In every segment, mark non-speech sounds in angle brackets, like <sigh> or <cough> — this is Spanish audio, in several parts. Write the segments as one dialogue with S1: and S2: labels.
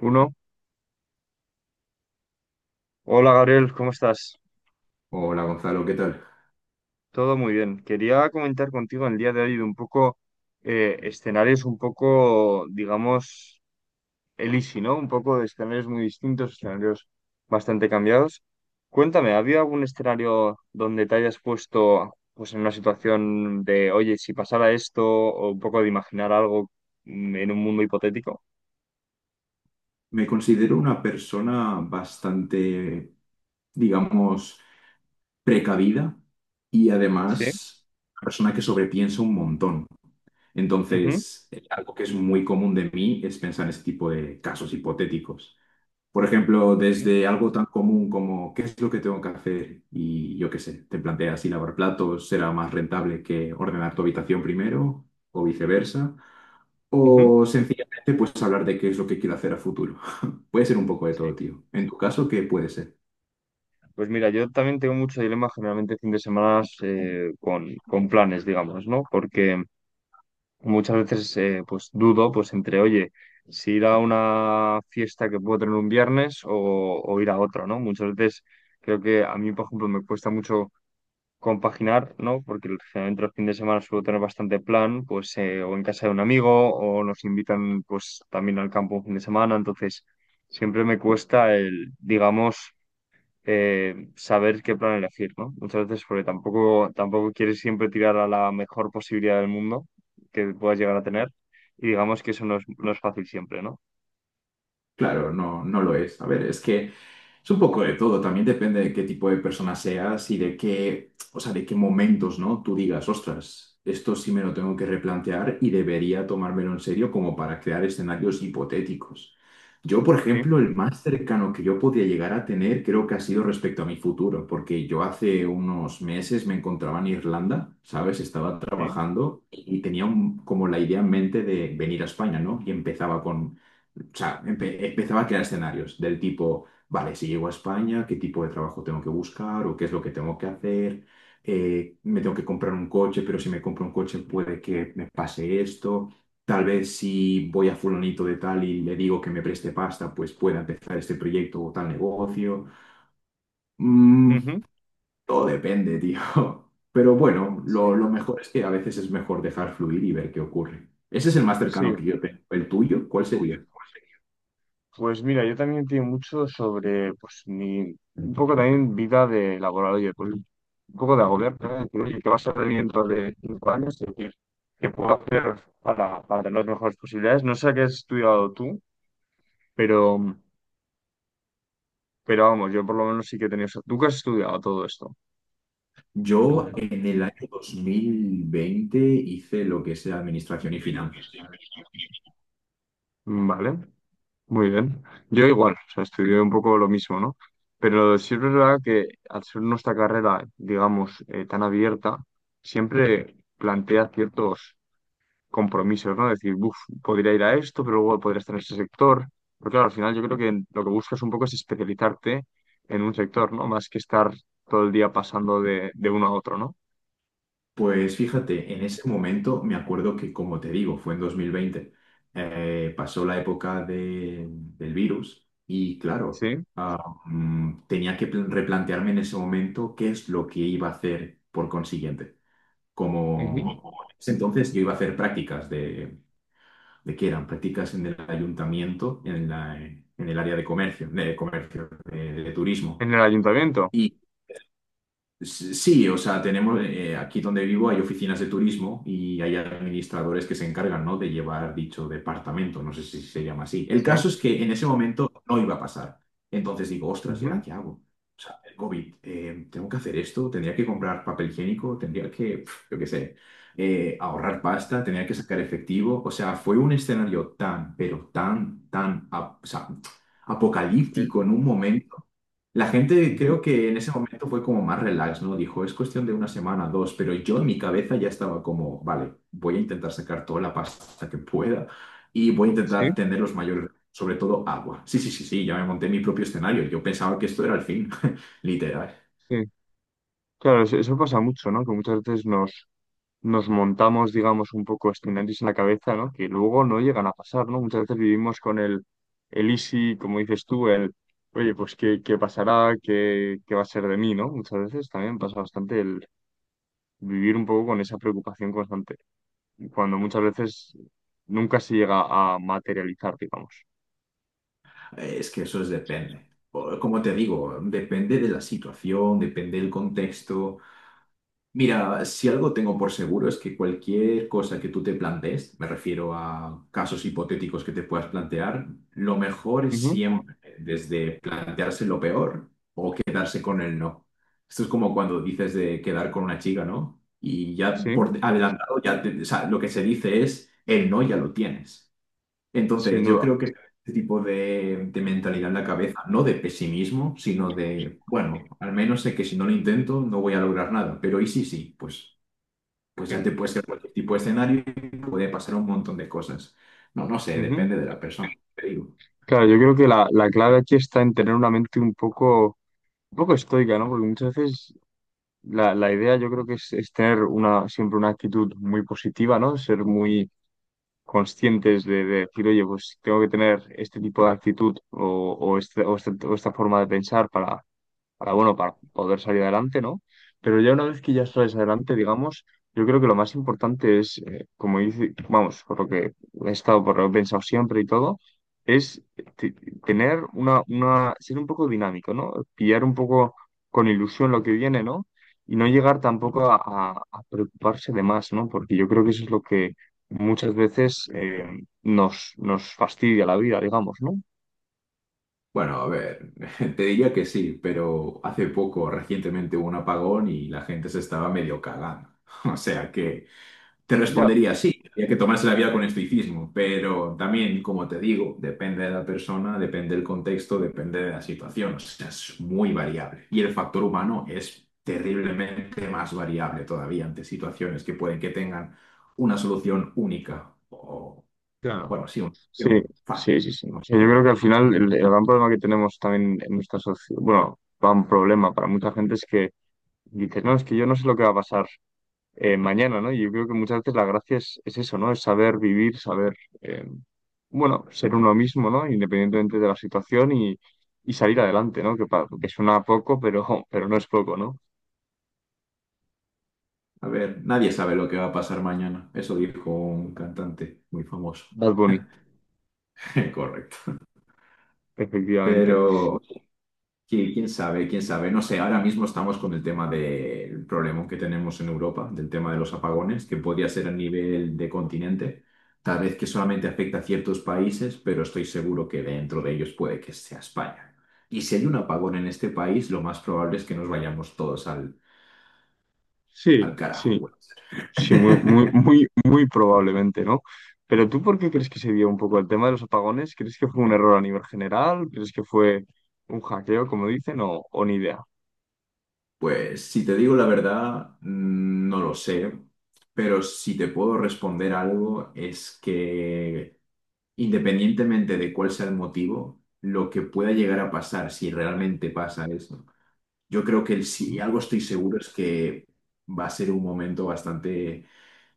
S1: Uno. Hola Gabriel, ¿cómo estás?
S2: Hola Gonzalo, ¿qué tal?
S1: Todo muy bien. Quería comentar contigo en el día de hoy de un poco escenarios un poco, digamos, el easy, ¿no? Un poco de escenarios muy distintos, escenarios bastante cambiados. Cuéntame, ¿había algún escenario donde te hayas puesto pues en una situación de, oye, si pasara esto, o un poco de imaginar algo en un mundo hipotético?
S2: Me considero una persona bastante, digamos, precavida y
S1: Sí.
S2: además una persona que sobrepiensa un montón.
S1: Ujú.
S2: Entonces, algo que es muy común de mí es pensar en este tipo de casos hipotéticos. Por ejemplo,
S1: Sí.
S2: desde algo tan común como ¿qué es lo que tengo que hacer? Y yo qué sé, te planteas si lavar platos será más rentable que ordenar tu habitación primero o viceversa.
S1: Ujú.
S2: O sencillamente, pues hablar de qué es lo que quiero hacer a futuro. <laughs> Puede ser un poco de todo,
S1: Sí.
S2: tío. En tu caso, ¿qué puede ser?
S1: Pues mira, yo también tengo mucho dilema generalmente fin de semana con planes, digamos, ¿no? Porque muchas veces pues dudo pues entre, oye, si ir a una fiesta que puedo tener un viernes o ir a otra, ¿no? Muchas veces creo que a mí, por ejemplo, me cuesta mucho compaginar, ¿no? Porque generalmente los fines de semana suelo tener bastante plan, pues o en casa de un amigo o nos invitan pues también al campo un fin de semana, entonces siempre me cuesta el, digamos saber qué plan elegir, ¿no? Muchas veces porque tampoco quieres siempre tirar a la mejor posibilidad del mundo que puedas llegar a tener y digamos que eso no es, no es fácil siempre, ¿no?
S2: Claro, no, no lo es. A ver, es que es un poco de todo, también depende de qué tipo de persona seas y de qué, o sea, de qué momentos, ¿no? Tú digas, ostras, esto sí me lo tengo que replantear y debería tomármelo en serio como para crear escenarios hipotéticos. Yo, por
S1: Sí,
S2: ejemplo, el más cercano que yo podía llegar a tener creo que ha sido respecto a mi futuro, porque yo hace unos meses me encontraba en Irlanda, ¿sabes? Estaba
S1: sí,
S2: trabajando y tenía como la idea en mente de venir a España, ¿no? Y empezaba con, o sea, empezaba a crear escenarios del tipo, vale, si llego a España, ¿qué tipo de trabajo tengo que buscar o qué es lo que tengo que hacer? Me tengo que comprar un coche, pero si me compro un coche puede que me pase esto. Tal vez si voy a fulanito de tal y le digo que me preste pasta, pues pueda empezar este proyecto o tal negocio. Mm,
S1: ujú,
S2: todo depende, tío. <laughs> Pero bueno, lo,
S1: sí,
S2: lo mejor es que a veces es mejor dejar fluir y ver qué ocurre. Ese es el más cercano que
S1: sí.
S2: yo tengo. ¿El tuyo? ¿Cuál sería?
S1: Pues mira, yo también entiendo mucho sobre pues mi un poco también vida de laboral, oye, pues un poco de agobiar, ¿no? De decir, oye, ¿qué va a ser de mí dentro de 5 años? Es decir, ¿qué puedo hacer para tener las mejores posibilidades? No sé qué has estudiado tú, pero Pero vamos, yo por lo menos sí que he tenido... ¿Tú qué has estudiado todo esto?
S2: Yo
S1: Mm.
S2: en el año 2020 hice lo que es administración y finanzas.
S1: Vale, muy bien. Yo igual, o sea, estudié un poco lo mismo, ¿no? Pero sí es verdad que al ser nuestra carrera, digamos, tan abierta, siempre plantea ciertos compromisos, ¿no? Decir, uff, podría ir a esto, pero luego podría estar en ese sector. Pero claro, al final yo creo que lo que buscas un poco es especializarte en un sector, ¿no? Más que estar todo el día pasando de uno a otro, ¿no?
S2: Pues fíjate, en ese momento me acuerdo que, como te digo, fue en 2020. Pasó la época del virus y claro,
S1: Sí.
S2: tenía que replantearme en ese momento qué es lo que iba a hacer por consiguiente.
S1: Ujú.
S2: Como entonces yo iba a hacer prácticas de que eran prácticas en el ayuntamiento, en el área de comercio, de turismo.
S1: En el ayuntamiento,
S2: Y sí, o sea, tenemos, aquí donde vivo hay oficinas de turismo y hay administradores que se encargan, ¿no?, de llevar dicho departamento, no sé si se llama así. El
S1: sí.
S2: caso es que en ese momento no iba a pasar. Entonces digo, ostras, ¿y ahora
S1: Ujú,
S2: qué hago? O sea, el COVID, ¿tengo que hacer esto? ¿Tendría que comprar papel higiénico? ¿Tendría que, pf, yo qué sé, ahorrar pasta? ¿Tendría que sacar efectivo? O sea, fue un escenario tan, pero tan, tan, o sea,
S1: sí,
S2: apocalíptico en un momento. La gente
S1: ujú,
S2: creo que en ese momento fue como más relax, ¿no? Dijo, es cuestión de una semana, dos, pero yo en mi cabeza ya estaba como, vale, voy a intentar sacar toda la pasta que pueda y voy a
S1: sí,
S2: intentar tener los mayores, sobre todo agua. Sí, sí, sí, sí, ya me monté mi propio escenario. Yo pensaba que esto era el fin, <laughs> literal.
S1: sí. Claro, eso pasa mucho, ¿no? Que muchas veces nos, nos montamos, digamos, un poco escenarios en la cabeza, ¿no? Que luego no llegan a pasar, ¿no? Muchas veces vivimos con el easy, como dices tú, el, oye, pues qué, qué pasará, qué, qué va a ser de mí, ¿no? Muchas veces también pasa bastante el vivir un poco con esa preocupación constante, cuando muchas veces nunca se llega a materializar, digamos.
S2: Es que eso es depende. O, como te digo, depende de la situación, depende del contexto. Mira, si algo tengo por seguro es que cualquier cosa que tú te plantees, me refiero a casos hipotéticos que te puedas plantear, lo mejor es
S1: Ujú,
S2: siempre, desde plantearse lo peor, quedarse con el no. Esto es como cuando dices de quedar con una chica, ¿no? Y ya
S1: sí,
S2: por adelantado, ya o sea, lo que se dice es, el no ya lo tienes.
S1: sin
S2: Entonces, yo
S1: duda.
S2: creo que este tipo de mentalidad
S1: Sí.
S2: en la cabeza, no de pesimismo, sino de, bueno, al menos sé que si no lo intento no voy a lograr nada, pero y sí, sí, pues, pues ya te puede ser cualquier tipo de escenario y puede pasar un montón de cosas. No, no sé,
S1: Ujú.
S2: depende de la persona, te digo.
S1: Claro, yo creo que la clave aquí está en tener una mente un poco estoica, ¿no? Porque muchas veces la idea yo creo que es tener una, siempre una actitud muy positiva, ¿no? Ser muy conscientes de decir, oye, pues tengo que tener este tipo de actitud o, o esta forma de pensar para bueno, para poder salir adelante, ¿no? Pero ya una vez que ya sales adelante, digamos, yo creo que lo más importante es, como dice, vamos, por lo que he estado, por lo que he pensado siempre y todo, es tener una, ser un poco dinámico, ¿no? Pillar un poco con ilusión lo que viene, ¿no? Y no llegar tampoco a, a preocuparse de más, ¿no? Porque yo creo que eso es lo que muchas veces nos, nos fastidia la vida, digamos, ¿no?
S2: Bueno, a ver, <laughs> te diría que sí, pero hace poco, recientemente hubo un apagón y la gente se estaba medio cagando. <laughs> O sea que... te
S1: Ya.
S2: respondería sí, había que tomarse la vida con estoicismo, pero también, como te digo, depende de la persona, depende del contexto, depende de la situación, o sea, es muy variable. Y el factor humano es terriblemente más variable todavía ante situaciones que pueden que tengan una solución única o,
S1: Claro.
S2: bueno, sí, una
S1: Sí,
S2: solución fácil.
S1: sí, sí, sí. O
S2: ¿No?
S1: sea, yo creo que al final el gran problema que tenemos también en nuestra sociedad, bueno, gran problema para mucha gente es que dices, no, es que yo no sé lo que va a pasar mañana, ¿no? Y yo creo que muchas veces la gracia es eso, ¿no? Es saber vivir, saber, eh, bueno, ser uno mismo, ¿no? Independientemente de la situación y salir adelante, ¿no? Que, que suena poco, pero no es poco, ¿no?
S2: A ver, nadie sabe lo que va a pasar mañana, eso dijo un cantante muy famoso.
S1: Bad Bunny,
S2: <laughs> Correcto.
S1: efectivamente.
S2: Pero, sí, quién sabe, quién sabe. No sé, ahora mismo estamos con el tema del problema que tenemos en Europa, del tema de los apagones, que podría ser a nivel de continente, tal vez que solamente afecta a ciertos países, pero estoy seguro que dentro de ellos puede que sea España. Y si hay un apagón en este país, lo más probable es que nos vayamos todos al,
S1: Sí,
S2: al carajo,
S1: sí.
S2: puede
S1: Sí, muy, muy,
S2: ser. <laughs>
S1: muy, muy probablemente, ¿no? Pero tú, ¿por qué crees que se dio un poco el tema de los apagones? ¿Crees que fue un error a nivel general? ¿Crees que fue un hackeo, como dicen, o ni idea?
S2: Pues si te digo la verdad, no lo sé, pero si te puedo responder algo es que... independientemente de cuál sea el motivo, lo que pueda llegar a pasar, si realmente pasa eso, yo creo que si algo estoy seguro es que va a ser un momento bastante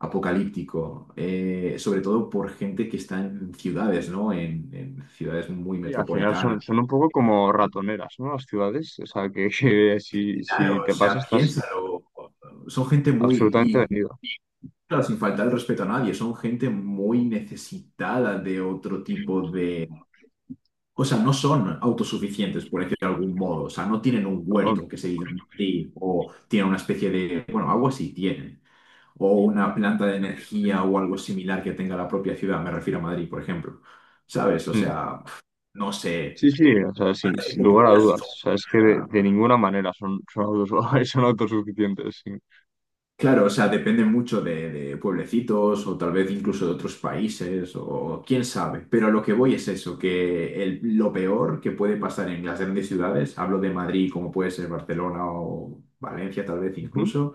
S2: apocalíptico, sobre todo por gente que está en ciudades, ¿no? En ciudades muy
S1: Y al final son,
S2: metropolitanas.
S1: son un poco como ratoneras, ¿no? Las ciudades, o sea, que <laughs> si, si
S2: Claro, o
S1: te pasa
S2: sea,
S1: estás
S2: piénsalo. Son gente muy,
S1: absolutamente
S2: y
S1: vendido.
S2: claro, sin faltar el respeto a nadie, son gente muy necesitada de otro tipo. O sea, no son autosuficientes, por decirlo de algún modo. O sea, no tienen un
S1: O-
S2: huerto que se digan sí, o tienen una especie de, bueno, agua sí tienen, o una planta de energía o algo similar que tenga la propia ciudad, me refiero a Madrid, por ejemplo. ¿Sabes? O
S1: mm.
S2: sea, no sé.
S1: Sí, sí, o sea, sin, sin lugar a dudas. O sea, es que de ninguna manera son, son, <laughs> son autosuficientes. Sí.
S2: Claro, o sea, depende mucho de pueblecitos o tal vez incluso de otros países o quién sabe. Pero a lo que voy es eso, que lo peor que puede pasar en las grandes ciudades, hablo de Madrid como puede ser Barcelona o Valencia tal vez
S1: Ujú,
S2: incluso,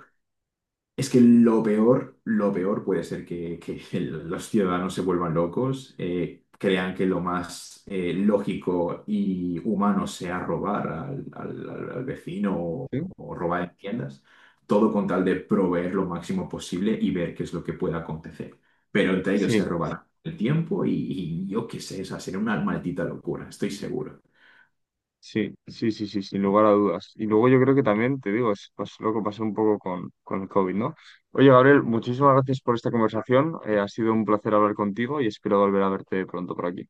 S2: es que lo peor puede ser que <laughs> los ciudadanos se vuelvan locos, crean que lo más, lógico y humano sea robar al, al vecino
S1: sí.
S2: o robar en tiendas, todo con tal de proveer lo máximo posible y ver qué es lo que pueda acontecer. Pero entre ellos se
S1: Sí,
S2: robarán el tiempo y yo qué sé, esa sería una maldita locura, estoy seguro.
S1: sí, sí, sí, sí, sin lugar a dudas. Y luego yo creo que también, te digo, es lo que pasó un poco con el COVID, ¿no? Oye, Gabriel, muchísimas gracias por esta conversación. Ha sido un placer hablar contigo y espero volver a verte pronto por aquí.